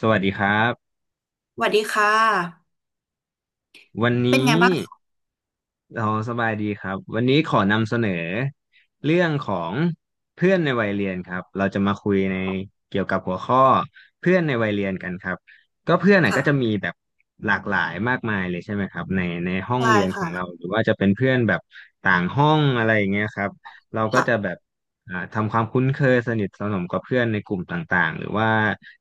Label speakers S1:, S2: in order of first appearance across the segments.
S1: สวัสดีครับ
S2: สวัสดีค่ะ
S1: วัน
S2: เป็นไง
S1: นี้
S2: บ้างคะ
S1: เราสบายดีครับวันนี้ขอนำเสนอเรื่องของเพื่อนในวัยเรียนครับเราจะมาคุยในเกี่ยวกับหัวข้อเพื่อนในวัยเรียนกันครับก็เพื่อนน่ะก็จะ
S2: ค่ะ
S1: มีแบบหลากหลายมากมายเลยใช่ไหมครับในห้อง
S2: ใช่
S1: เรียนของเรา
S2: ค่ะ
S1: หรือว่าจะเป็นเพื่อนแบบต่างห้องอะไรอย่างเงี้ยครับเราก็จะ
S2: ค่ะ
S1: แบบทำความคุ้นเคยสนิทสนมกับเพื่อนในกลุ่มต่างๆหรือว่า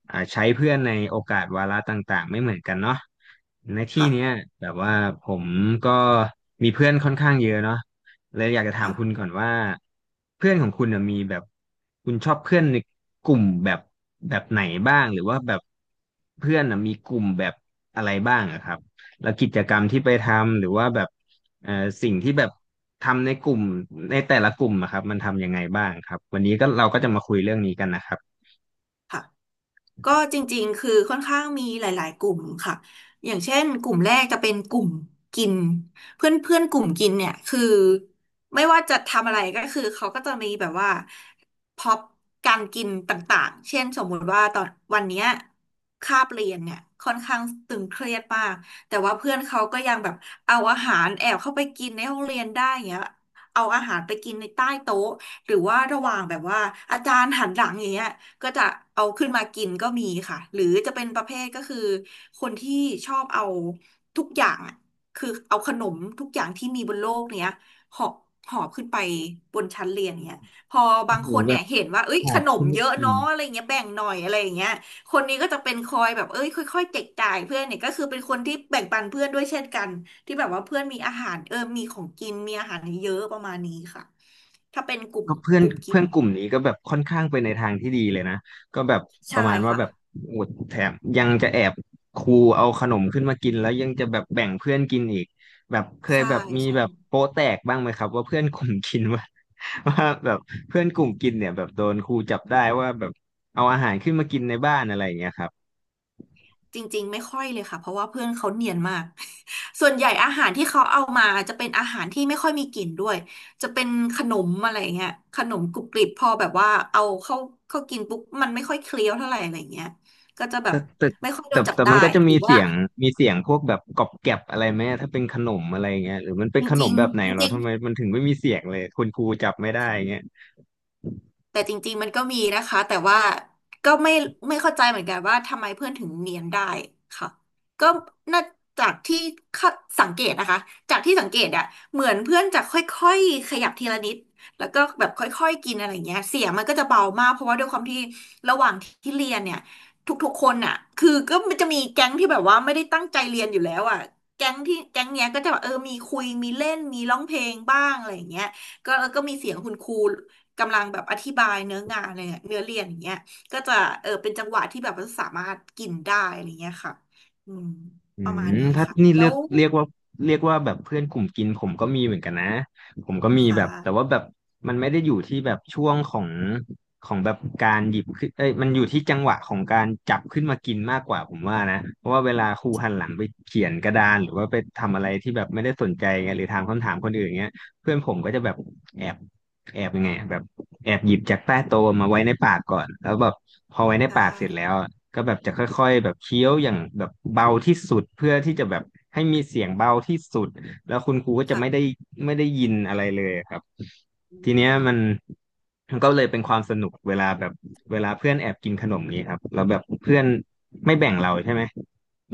S1: ใช้เพื่อนในโอกาสวาระต่างๆไม่เหมือนกันเนาะในที่เนี้ย
S2: ค่ะ
S1: แบบว่าผมก็มีเพื่อนค่อนข้างเยอะเนาะเลยอยากจะถามคุณ
S2: ค่ะ
S1: ก่อนว่าเพื่อนของคุณน่ะมีแบบคุณชอบเพื่อนในกลุ่มแบบไหนบ้างหรือว่าแบบเพื่อนน่ะมีกลุ่มแบบอะไรบ้างอะครับแล้วกิจกรรมที่ไปทำหรือว่าแบบเอ่อสิ่งที่แบบทำในกลุ่มในแต่ละกลุ่มอะครับมันทำยังไงบ้างครับวันนี้ก็เราก็จะมาคุยเรื่องนี้กันนะครับ
S2: ค่ะ ก็จริงๆคือค่อนข้างมีหลายๆกลุ่มค่ะอย่างเช่นกลุ่มแรกจะเป็นกลุ่มกินเพื่อนเพื่อนกลุ่มกินเนี่ยคือไม่ว่าจะทำอะไรก็คือเขาก็จะมีแบบว่าพ็อปการกินต่างๆเช่นสมมุติว่าตอนวันเนี้ยคาบเรียนเนี่ยค่อนข้างตึงเครียดมากแต่ว่าเพื่อนเขาก็ยังแบบเอาอาหารแอบเข้าไปกินในห้องเรียนได้อย่างเงี้ยเอาอาหารไปกินในใต้โต๊ะหรือว่าระหว่างแบบว่าอาจารย์หันหลังอย่างเงี้ย ก็จะเอาขึ้นมากินก็มีค่ะหรือจะเป็นประเภทก็คือคนที่ชอบเอาทุกอย่างอะคือเอาขนมทุกอย่างที่มีบนโลกเนี้ยหอบหอบขึ้นไปบนชั้นเรียนเนี้ยพอบา
S1: โอ้
S2: ง
S1: โห
S2: คน
S1: แบ
S2: เนี่ย
S1: บ
S2: เห็นว่าเอ้ย
S1: ห
S2: ข
S1: อบ
S2: นม
S1: ขึ้นไป
S2: เยอะ
S1: กิน
S2: เนาะอะไรเงี้ยแบ่งหน่อยอะไรอย่างเงี้ยคนนี้ก็จะเป็นคอยแบบเอ้ยค่อยๆแจกจ่ายเพื่อนเนี่ยก็คือเป็นคนที่แบ่งปันเพื่อนด้วยเช่นกันที่แบบว่าเพื่อนมีอาหารมีของกินมีอาหารเยอะประมาณนี้ค่ะถ้าเป็นกลุ่ม
S1: ก็เพื่อ
S2: ก
S1: น
S2: ลุ่มกิ
S1: เพื่
S2: น
S1: อนกลุ่มนี้ก็แบบค่อนข้างไปในทางที่ดีเลยนะก็แบบป
S2: ใช่
S1: ระมาณว่า
S2: ค่ะ
S1: แบบโอดแถมยังจะแอบครูเอาขนมขึ้นมากินแล้วยังจะแบบแบ่งเพื่อนกินอีกแบบเคย
S2: ใช่
S1: แบบมี
S2: ใช่
S1: แบบโป๊ะแตกบ้างไหมครับว่าเพื่อนกลุ่มกินว่า ว่าแบบเพื่อนกลุ่มกินเนี่ยแบบโดนครูจับได้ว่าแบบเอาอาหารขึ้นมากินในบ้านอะไรอย่างเงี้ยครับ
S2: จริงๆไม่ค่อยเลยค่ะเพราะว่าเพื่อนเขาเนียนมาก ส่วนใหญ่อาหารที่เขาเอามาจะเป็นอาหารที่ไม่ค่อยมีกลิ่นด้วยจะเป็นขนมอะไรเงี้ยขนมกรุบกริบพอแบบว่าเอาเข้ากินปุ๊บมันไม่ค่อยเคี้ยวเท่าไหร่อะไรเงี้ยก็จะแบ
S1: แต่
S2: บ
S1: แต่
S2: ไม่ค่อยโด
S1: แต่
S2: นจับ
S1: แต่
S2: ได้
S1: มันก็จะ
S2: ห
S1: มี
S2: รือ
S1: เสี
S2: ว่า
S1: ยงมีเสียงพวกแบบกรอบแกรบอะไรไหมถ้าเป็นขนมอะไรเงี้ยหรือมันเป็
S2: จ
S1: นขน
S2: ริ
S1: ม
S2: ง
S1: แบบไหนเหร
S2: ๆจ
S1: อ
S2: ริง
S1: ทำไมมันถึงไม่มีเสียงเลยคุณครูจับไม่ได้เงี้ย
S2: แต่จริงๆมันก็มีนะคะแต่ว่าก็ไม่เข้าใจเหมือนกันว่าทำไมเพื่อนถึงเนียนได้ค่ะก็น่าจากที่คาดสังเกตนะคะจากที่สังเกตอะเหมือนเพื่อนจะค่อยๆขยับทีละนิดแล้วก็แบบค่อยๆกินอะไรอย่างเงี้ยเสียงมันก็จะเบามากเพราะว่าด้วยความที่ระหว่างที่เรียนเนี่ยทุกๆคนอะคือก็มันจะมีแก๊งที่แบบว่าไม่ได้ตั้งใจเรียนอยู่แล้วอะแก๊งที่แก๊งเนี้ยก็จะแบบมีคุยมีเล่นมีร้องเพลงบ้างอะไรอย่างเงี้ยก็แล้วก็มีเสียงคุณครู กำลังแบบอธิบายเนื้องานอะไรเนียเนื้อเรียนอย่างเงี้ยก็จะเป็นจังหวะที่แบบว่าสามารถกินได้อะไรเงี้ยค่ะอืม
S1: อื
S2: ประมาณ
S1: ม
S2: นี้
S1: ถ้า
S2: ค่ะ
S1: นี่
S2: แล้
S1: เรียก
S2: ว
S1: ว่าแบบเพื่อนกลุ่มกินผมก็มีเหมือนกันนะผมก็มี
S2: ค่ะ
S1: แบบแต่ว่าแบบมันไม่ได้อยู่ที่แบบช่วงของแบบการหยิบขึ้นเอ้ยมันอยู่ที่จังหวะของการจับขึ้นมากินมากกว่าผมว่านะเพราะว่าเวลาครูหันหลังไปเขียนกระดานหรือว่าไปทำอะไรที่แบบไม่ได้สนใจไงหรือถามคำถามคนอื่นเงี้ยเพื่อนผมก็จะแบบแอบยังไงอะแบบแอบหยิบจากใต้โต๊ะมาไว้ในปากก่อนแล้วแบบพอไว้ใน
S2: ได้
S1: ปากเสร็จแล้ว ก็แบบจะค่อยๆแบบเคี้ยวอย่างแบบเบาที่สุดเพื่อที่จะแบบให้มีเสียงเบาที่สุดแล้วคุณครูก็จะไม่ได้
S2: ค่ะ
S1: ยินอะไรเลยครับ
S2: อื
S1: ทีเนี้ยมัน
S2: ม
S1: ก็เลยเป็นความสนุกเวลาแบบเวลาเพื่อนแอบกินขนมนี้ครับแล้วแบบเพื่อนไม่แบ่งเราใช่ไหม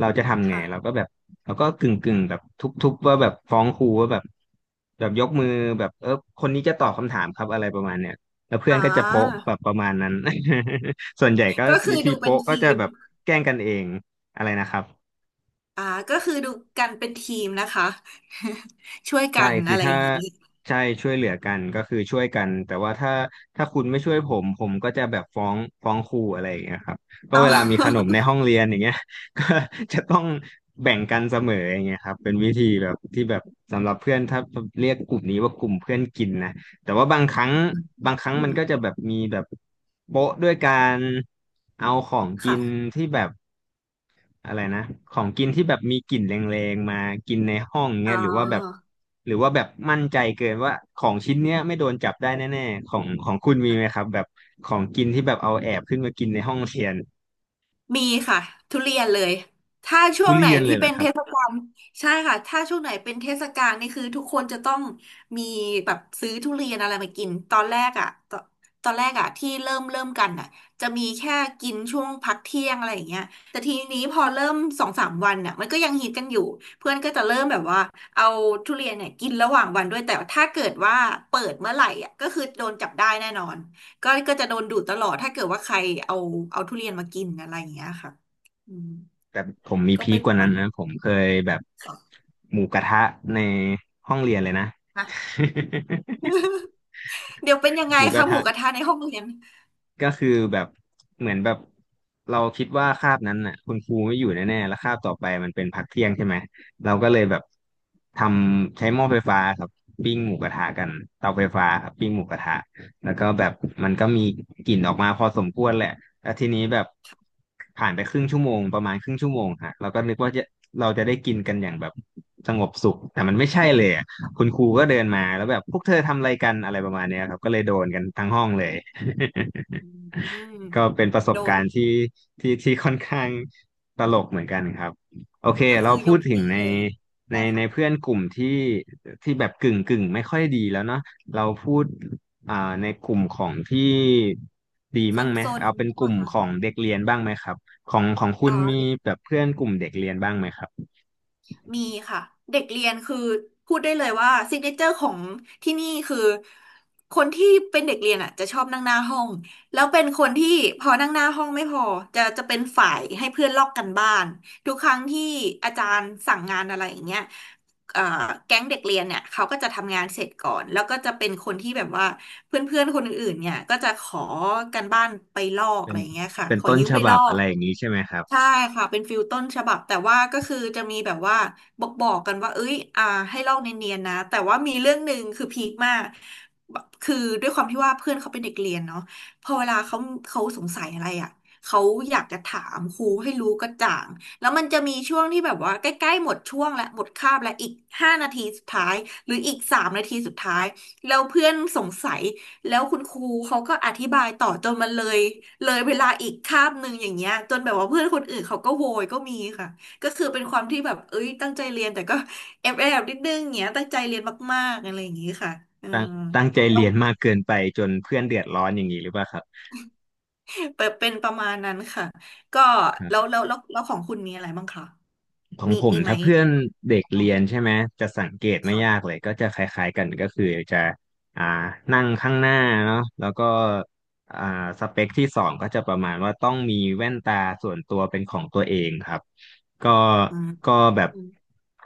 S1: เราจะทำไง
S2: ค่ะ
S1: เราก็แบบเราก็กึ่งแบบทุบๆว่าแบบฟ้องครูว่าแบบแบบยกมือแบบเออคนนี้จะตอบคำถามครับอะไรประมาณเนี้ยแล้วเพื่อน
S2: อ่า
S1: ก็จะโป๊ะแบบประมาณนั้น ส่วนใหญ่ก็
S2: ก็คื
S1: วิ
S2: อ
S1: ธี
S2: ดูเป็น
S1: โป๊ะก็
S2: ที
S1: จะ
S2: ม
S1: แบบแกล้งกันเองอะไรนะครับ
S2: อ่าก็คือดูกันเป็นทีมนะคะ ช่วยกั
S1: ใช่
S2: น
S1: คือ
S2: อะไรอ
S1: ถ้า
S2: ย่างนี้
S1: ใช่ช่วยเหลือกันก็คือช่วยกันแต่ว่าถ้าคุณไม่ช่วยผมผมก็จะแบบฟ้องครูอะไรอย่างเงี้ยครับก็
S2: อ๋อ
S1: เวลามีขนมในห้องเรียนอย่างเงี้ย ก็จะต้องแบ่งกันเสมออย่างเงี้ยครับเป็นวิธีแบบที่แบบสำหรับเพื่อนถ้าเรียกกลุ่มนี้ว่ากลุ่มเพื่อนกินนะแต่ว่าบางครั้ง
S2: อื
S1: มัน
S2: ม
S1: ก็จะแบบมีแบบโป๊ะด้วยการเอาของกิน
S2: ค่ะ
S1: ที่แบบ อะไรนะของกินที่แบบมีกลิ่นแรงๆมากินในห้อง
S2: อ๋
S1: เงี้ยหรือว่าแบบ
S2: อ
S1: มั่นใจเกินว่าของชิ้นเนี้ยไม่โดนจับได้แน่ๆของของคุณมีไหมครับแบบของกินที่แบบเอาแอบขึ้นมากินในห้องเรียน
S2: มีค่ะทุเรียนเลยถ้าช่ว
S1: ทุ
S2: งไหน
S1: เรียนเล
S2: ที่
S1: ยเหร
S2: เป็
S1: อ
S2: น
S1: ครั
S2: เท
S1: บ
S2: ศกาลใช่ค่ะถ้าช่วงไหนเป็นเทศกาลนี่คือทุกคนจะต้องมีแบบซื้อทุเรียนอะไรมากินตอนแรกอ่ะตอนตอนแรกอ่ะที่เริ่มกันอ่ะจะมีแค่กินช่วงพักเที่ยงอะไรอย่างเงี้ยแต่ทีนี้พอเริ่มสองสามวันอ่ะมันก็ยังฮิตกันอยู่เพื่อนก็จะเริ่มแบบว่าเอาทุเรียนเนี่ยกินระหว่างวันด้วยแต่ถ้าเกิดว่าเปิดเมื่อไหร่อ่ะก็คือโดนจับได้แน่นอน ก็จะโดนดูดตลอดถ้าเกิดว่าใครเอาเอาทุเรียนมากินอะไรอย่างเงี้ยค่ะอืม
S1: แต่ผมมี
S2: ก็
S1: พี
S2: เป็
S1: ค
S2: น
S1: ก
S2: ป
S1: ว่า
S2: ระมา
S1: นั้
S2: ณ
S1: นนะ
S2: นี้
S1: ผมเคยแบบ
S2: ค่ะ
S1: หมูกระทะในห้องเรียนเลยนะ
S2: อ่ะ เดี๋ยวเป็นยังไง
S1: หมูก
S2: คะ
S1: ระ
S2: หมู
S1: ทะ
S2: กระทะในห้องเรียน
S1: ก็คือแบบเหมือนแบบเราคิดว่าคาบนั้นน่ะคุณครูไม่อยู่แน่ๆแล้วคาบต่อไปมันเป็นพักเที่ยงใช่ไหมเราก็เลยแบบทำใช้หม้อไฟฟ้าครับปิ้งหมูกระทะกันเตาไฟฟ้าครับปิ้งหมูกระทะแล้วก็แบบมันก็มีกลิ่นออกมาพอสมควรแหละแล้วทีนี้แบบผ่านไปครึ่งชั่วโมงประมาณครึ่งชั่วโมงฮะเราก็นึกว่าจะเราจะได้กินกันอย่างแบบสงบสุขแต่มันไม่ใช่เลยอะคุณครูก็เดินมาแล้วแบบพวกเธอทำอะไรกันอะไรประมาณเนี้ยครับก็เลยโดนกันทั้งห้องเลย
S2: อืม
S1: ก็เป็นประส
S2: โด
S1: บ
S2: น
S1: การณ์ที่ค่อนข้างตลกเหมือนกันครับโอเค
S2: ก็
S1: เรา
S2: คือย
S1: พูด
S2: ก
S1: ถึง
S2: ตี้
S1: ใน
S2: เลย
S1: ใน
S2: ใช่
S1: ใน
S2: ค่ะ
S1: เพื่อนกลุ่มที่แบบกึ่งไม่ค่อยดีแล้วเนาะเราพูดอ่าในกลุ่มของที่ดี
S2: ซ
S1: บ้าง
S2: น
S1: ไหม
S2: ๆน
S1: เอาเป็น
S2: ใช่
S1: ก
S2: ปล่ะ
S1: ลุ่ม
S2: คะ
S1: ของเด็กเรียนบ้างไหมครับของคุ
S2: อ๋อ
S1: ณมีแบบเพื่อนกลุ่มเด็กเรียนบ้างไหมครับ
S2: มีค่ะเด็กเรียนคือพูดได้เลยว่าซิกเนเจอร์ของที่นี่คือคนที่เป็นเด็กเรียนอ่ะจะชอบนั่งหน้าห้องแล้วเป็นคนที่พอนั่งหน้าห้องไม่พอจะเป็นฝ่ายให้เพื่อนลอกกันบ้านทุกครั้งที่อาจารย์สั่งงานอะไรอย่างเงี้ยเอ่อแก๊งเด็กเรียนเนี่ยเขาก็จะทำงานเสร็จก่อนแล้วก็จะเป็นคนที่แบบว่าเพื่อนๆคนอื่นๆเนี่ยก็จะขอกันบ้านไปลอก
S1: เป็
S2: อะ
S1: น
S2: ไรอย่างเงี้ยค่ะ
S1: เป็น
S2: ขอ
S1: ต้น
S2: ยืม
S1: ฉ
S2: ไปล
S1: บั
S2: อ
S1: บอะ
S2: ก
S1: ไรอย่างนี้ใช่ไหมครับ
S2: ใช่ค่ะเป็นฟิลต้นฉบับแต่ว่าก็คือจะมีแบบว่าบอกกันว่าเอ้ยให้ลอกเนียนๆนะแต่ว่ามีเรื่องหนึ่งคือพีคมากคือด้วยความที่ว่าเพื่อนเขาเป็นเด็กเรียนเนาะพอเวลาเขาเขาสงสัยอะไรอ่ะเขาอยากจะถามครูให้รู้กระจ่างแล้วมันจะมีช่วงที่แบบว่าใกล้ๆหมดช่วงและหมดคาบและอีก5 นาทีสุดท้ายหรืออีก3 นาทีสุดท้ายแล้วเพื่อนสงสัย แล้วคุณครูเขาก็อธิบายต่อจนมันเลยเวลาอีกคาบหนึ่งอย่างเงี้ยจนแบบว่าเพื่อนคนอื่นเขาก็โวยก็มีค่ะก็คือเป็นความที่แบบเอ้ยตั้งใจเรียนแต่ก็แอบนิดนึงอย่างเงี้ยตั้งใจเรียนมากๆอะไรอย่างงี้ค่ะอื
S1: ตั้ง
S2: ม
S1: ตั้งใจ
S2: แล้ว
S1: เรียนมากเกินไปจนเพื่อนเดือดร้อนอย่างนี้หรือเปล่าครั
S2: เป็นประมาณนั้นค่ะก็แล้ว
S1: บ
S2: แล้วแล้วแล้วของคุณมีอะไรบ้างคะ
S1: ของ
S2: มี
S1: ผม
S2: มีไหม
S1: ถ้าเพื่อนเด็ก
S2: อ๋อ
S1: เรียนใช่ไหมจะสังเกตไม่ยาก
S2: ค่ะ
S1: เลยก็จะคล้ายๆกันก็คือจะอ่านั่งข้างหน้าเนาะแล้วก็อ่าสเปคที่สองก็จะประมาณว่าต้องมีแว่นตาส่วนตัวเป็นของตัวเองครับก็
S2: อืม
S1: ก็แบ
S2: อื
S1: บ
S2: ม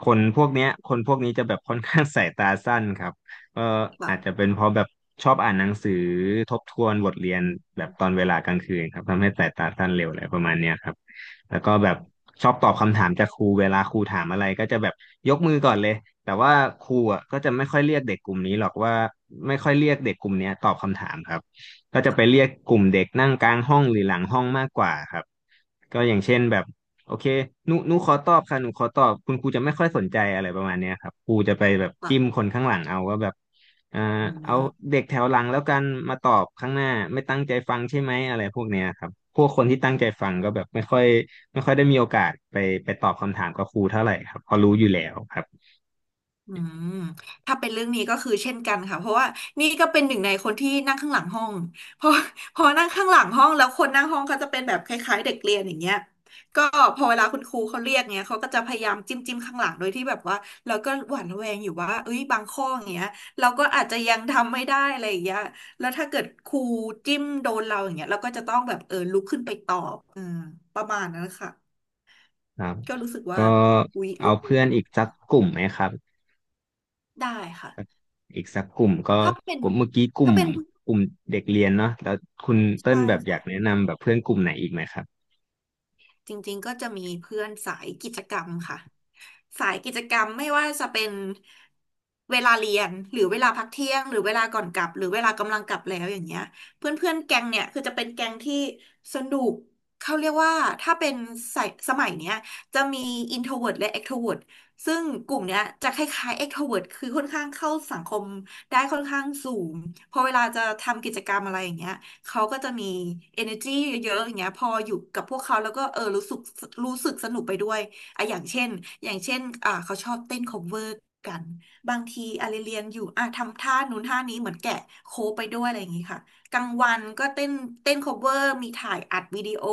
S1: คนพวกเนี้ยคนพวกนี้จะแบบค่อนข้าง สายตาสั้นครับก็อาจจะ
S2: ค่ะ
S1: เป็นเพราะแบบชอบอ่านหนังสือทบทวนบทเรียน
S2: อืม
S1: แบบตอนเวลากลางคืนครับทำให้สายตาสั้นเร็วอะไรประมาณเนี้ยครับ แล้วก็แบบชอบตอบคำถามจากครูเวลาครูถามอะไรก็จะแบบยกมือก่อนเลยแต่ว่าครูอ่ะก็จะไม่ค่อยเรียกเด็กกลุ่มนี้หรอกว่าไม่ค่อยเรียกเด็กกลุ่มเนี้ยตอบคำถามครับก็จะไปเรียกกลุ่มเด็กนั่งกลางห้องหรือหลังห้องมากกว่าครับก็อย่างเช่นแบบโอเคหนูขอตอบค่ะหนูขอตอบคุณครูจะไม่ค่อยสนใจอะไรประมาณเนี้ยครับครูจะไปแบบ
S2: ค่ะ
S1: จิ้มคนข้างหลังเอาว่าแบบเอ่อ
S2: อื
S1: เอา
S2: ม
S1: เด็กแถวหลังแล้วกันมาตอบข้างหน้าไม่ตั้งใจฟังใช่ไหมอะไรพวกเนี้ยครับพวกคนที่ตั้งใจฟังก็แบบไม่ค่อยได้มีโอกาสไปตอบคำถามกับครูเท่าไหร่ครับเพอรู้อยู่แล้วครับ
S2: อืมถ้าเป็นเรื่องนี้ก็คือเช่นกันค่ะเพราะว่านี่ก็เป็นหนึ่งในคนที่นั่งข้างหลังห้องเพราะ พอนั่งข้างหลังห้องแล้วคนนั่งห้องเขาจะเป็นแบบคล้ายๆเด็กเรียนอย่างเงี้ยก็พอเวลาคุณครูเขาเรียกเงี้ยเขาก็จะพยายามจิ้มข้างหลังโดยที่แบบว่าเราก็หวั่นระแวงอยู่ว่าเอ้ยบางข้ออย่างเงี้ยเราก็อาจจะยังทำไม่ได้อะไรอย่างเงี้ยแล้วถ้าเกิดครูจิ้มโดนเราอย่างเงี้ยเราก็จะต้องแบบเออลุกขึ้นไปตอบอืมประมาณนั้นค่ะ
S1: ครับ
S2: ก็รู้สึกว่า
S1: ก็
S2: อุ๊ย
S1: เอา
S2: รู้สึ
S1: เพื่
S2: ก
S1: อนอีกสักกลุ่มไหมครับ
S2: ได้ค่ะ
S1: อีกสักกลุ่มก็
S2: ถ้าเป็น
S1: กลุ่มเมื่อกี้กลุ่
S2: ถ้า
S1: ม
S2: เป็นผู้
S1: กลุ่มเด็กเรียนเนาะแล้วคุณเติ้ล
S2: ชา
S1: แบ
S2: ย
S1: บอยา
S2: ค่ะ
S1: กแนะนำแบบเพื่อนกลุ่มไหนอีกไหมครับ
S2: จริงๆก็จะมีเพื่อนสายกิจกรรมค่ะสายกิจกรรมไม่ว่าจะเป็นเวลาเรียนหรือเวลาพักเที่ยงหรือเวลาก่อนกลับหรือเวลากำลังกลับแล้วอย่างเงี้ยเพื่อนๆแก๊งเนี่ยคือจะเป็นแก๊งที่สนุกเขาเรียกว่าถ้าเป็นสายสมัยเนี้ยจะมี introvert และ extrovert ซึ่งกลุ่มเนี้ยจะคล้ายๆ extrovert คือค่อนข้างเข้าสังคมได้ค่อนข้างสูงพอเวลาจะทำกิจกรรมอะไรอย่างเงี้ย เขาก็จะมี energy เยอะๆอย่างเงี้ยพออยู่กับพวกเขาแล้วก็เออรู้สึกสนุกไปด้วยอ่ะอย่างเช่นอย่างเช่นเขาชอบเต้น cover กัน บางทีอะไรเรียนอยู่อ่ะทำท่านู้นท่านี้เหมือนแกะโค้ไปด้วยอะไรอย่างงี้ค่ะกลางวันก็เต้นเต้น cover มีถ่ายอัดวิดีโอ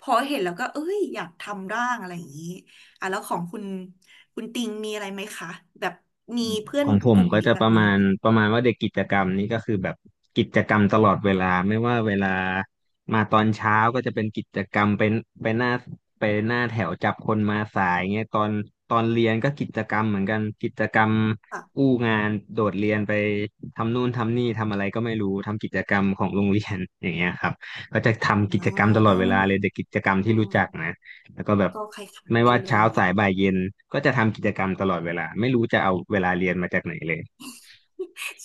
S2: พอเห็นแล้วก็เอ้ยอยากทำร่างอะไรอย่างงี้อ่ะแล้วของคุณคุณติงมีอะไรไหมคะแบบมีเพื่อ
S1: ข
S2: น
S1: องผ
S2: ก
S1: ม
S2: ลุ่ม
S1: ก็
S2: นี้
S1: จะ
S2: แบ
S1: ป
S2: บ
S1: ระ
S2: นี้
S1: มาณ
S2: หรือ
S1: ประมาณว่าเด็กกิจกรรมนี่ก็คือแบบกิจกรรมตลอดเวลาไม่ว่าเวลามาตอนเช้าก็จะเป็นกิจกรรมเป็นไปหน้าไปหน้าแถวจับคนมาสายเงี้ยตอนเรียนก็กิจกรรมเหมือนกันกิจกรรม
S2: เปล่ะ
S1: อู้งานโดดเรียนไปทำนู่นทำนี่ทำอะไรก็ไม่รู้ทำกิจกรรมของโรงเรียนอย่างเงี้ยครับก็จะทำกิ
S2: อ
S1: จกรรมตลอดเวลาเลยเด็กกิจกรรม
S2: ่
S1: ที่รู้จัก
S2: า
S1: นะ แล้วก็แบบ
S2: ก็คล้าย
S1: ไม่
S2: ๆกั
S1: ว่า
S2: นเล
S1: เช้า
S2: ย
S1: สายบ่ายเย็นก็จะทำกิจกรรมตลอดเวลาไม่รู้จะเอาเวลาเรียนมาจากไหนเลย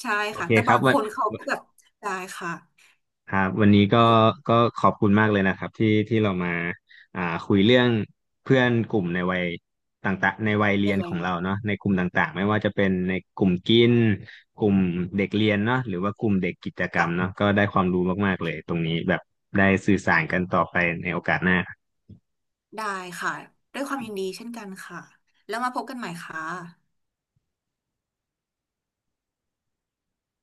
S2: ใช่
S1: โอ
S2: ค่ะ
S1: เค
S2: แต่
S1: ครั
S2: บา
S1: บ
S2: ง
S1: วั
S2: คน
S1: น
S2: เขาก็แบบได้ค่ะ
S1: ครับวันนี้ก็
S2: ก็
S1: ขอบคุณมากเลยนะครับที่เรามาอ่าคุยเรื่องเพื่อนกลุ่มในวัยต่างๆในวัยเรี
S2: ยั
S1: ย
S2: ง
S1: น
S2: ไง
S1: ของเราเนาะในกลุ่มต่างๆไม่ว่าจะเป็นในกลุ่มกินกลุ่มเด็กเรียนเนาะหรือว่ากลุ่มเด็กกิจกร
S2: ค่ะ
S1: รมเนาะก็ได้ความรู้มากๆเลยตรงนี้แบบได้สื่อสารกันต่อไปในโอกาสหน้า
S2: ได้ค่ะด้วยความยินดีเช่นกันค่ะแล้วมาพบกันใหม่ค่ะ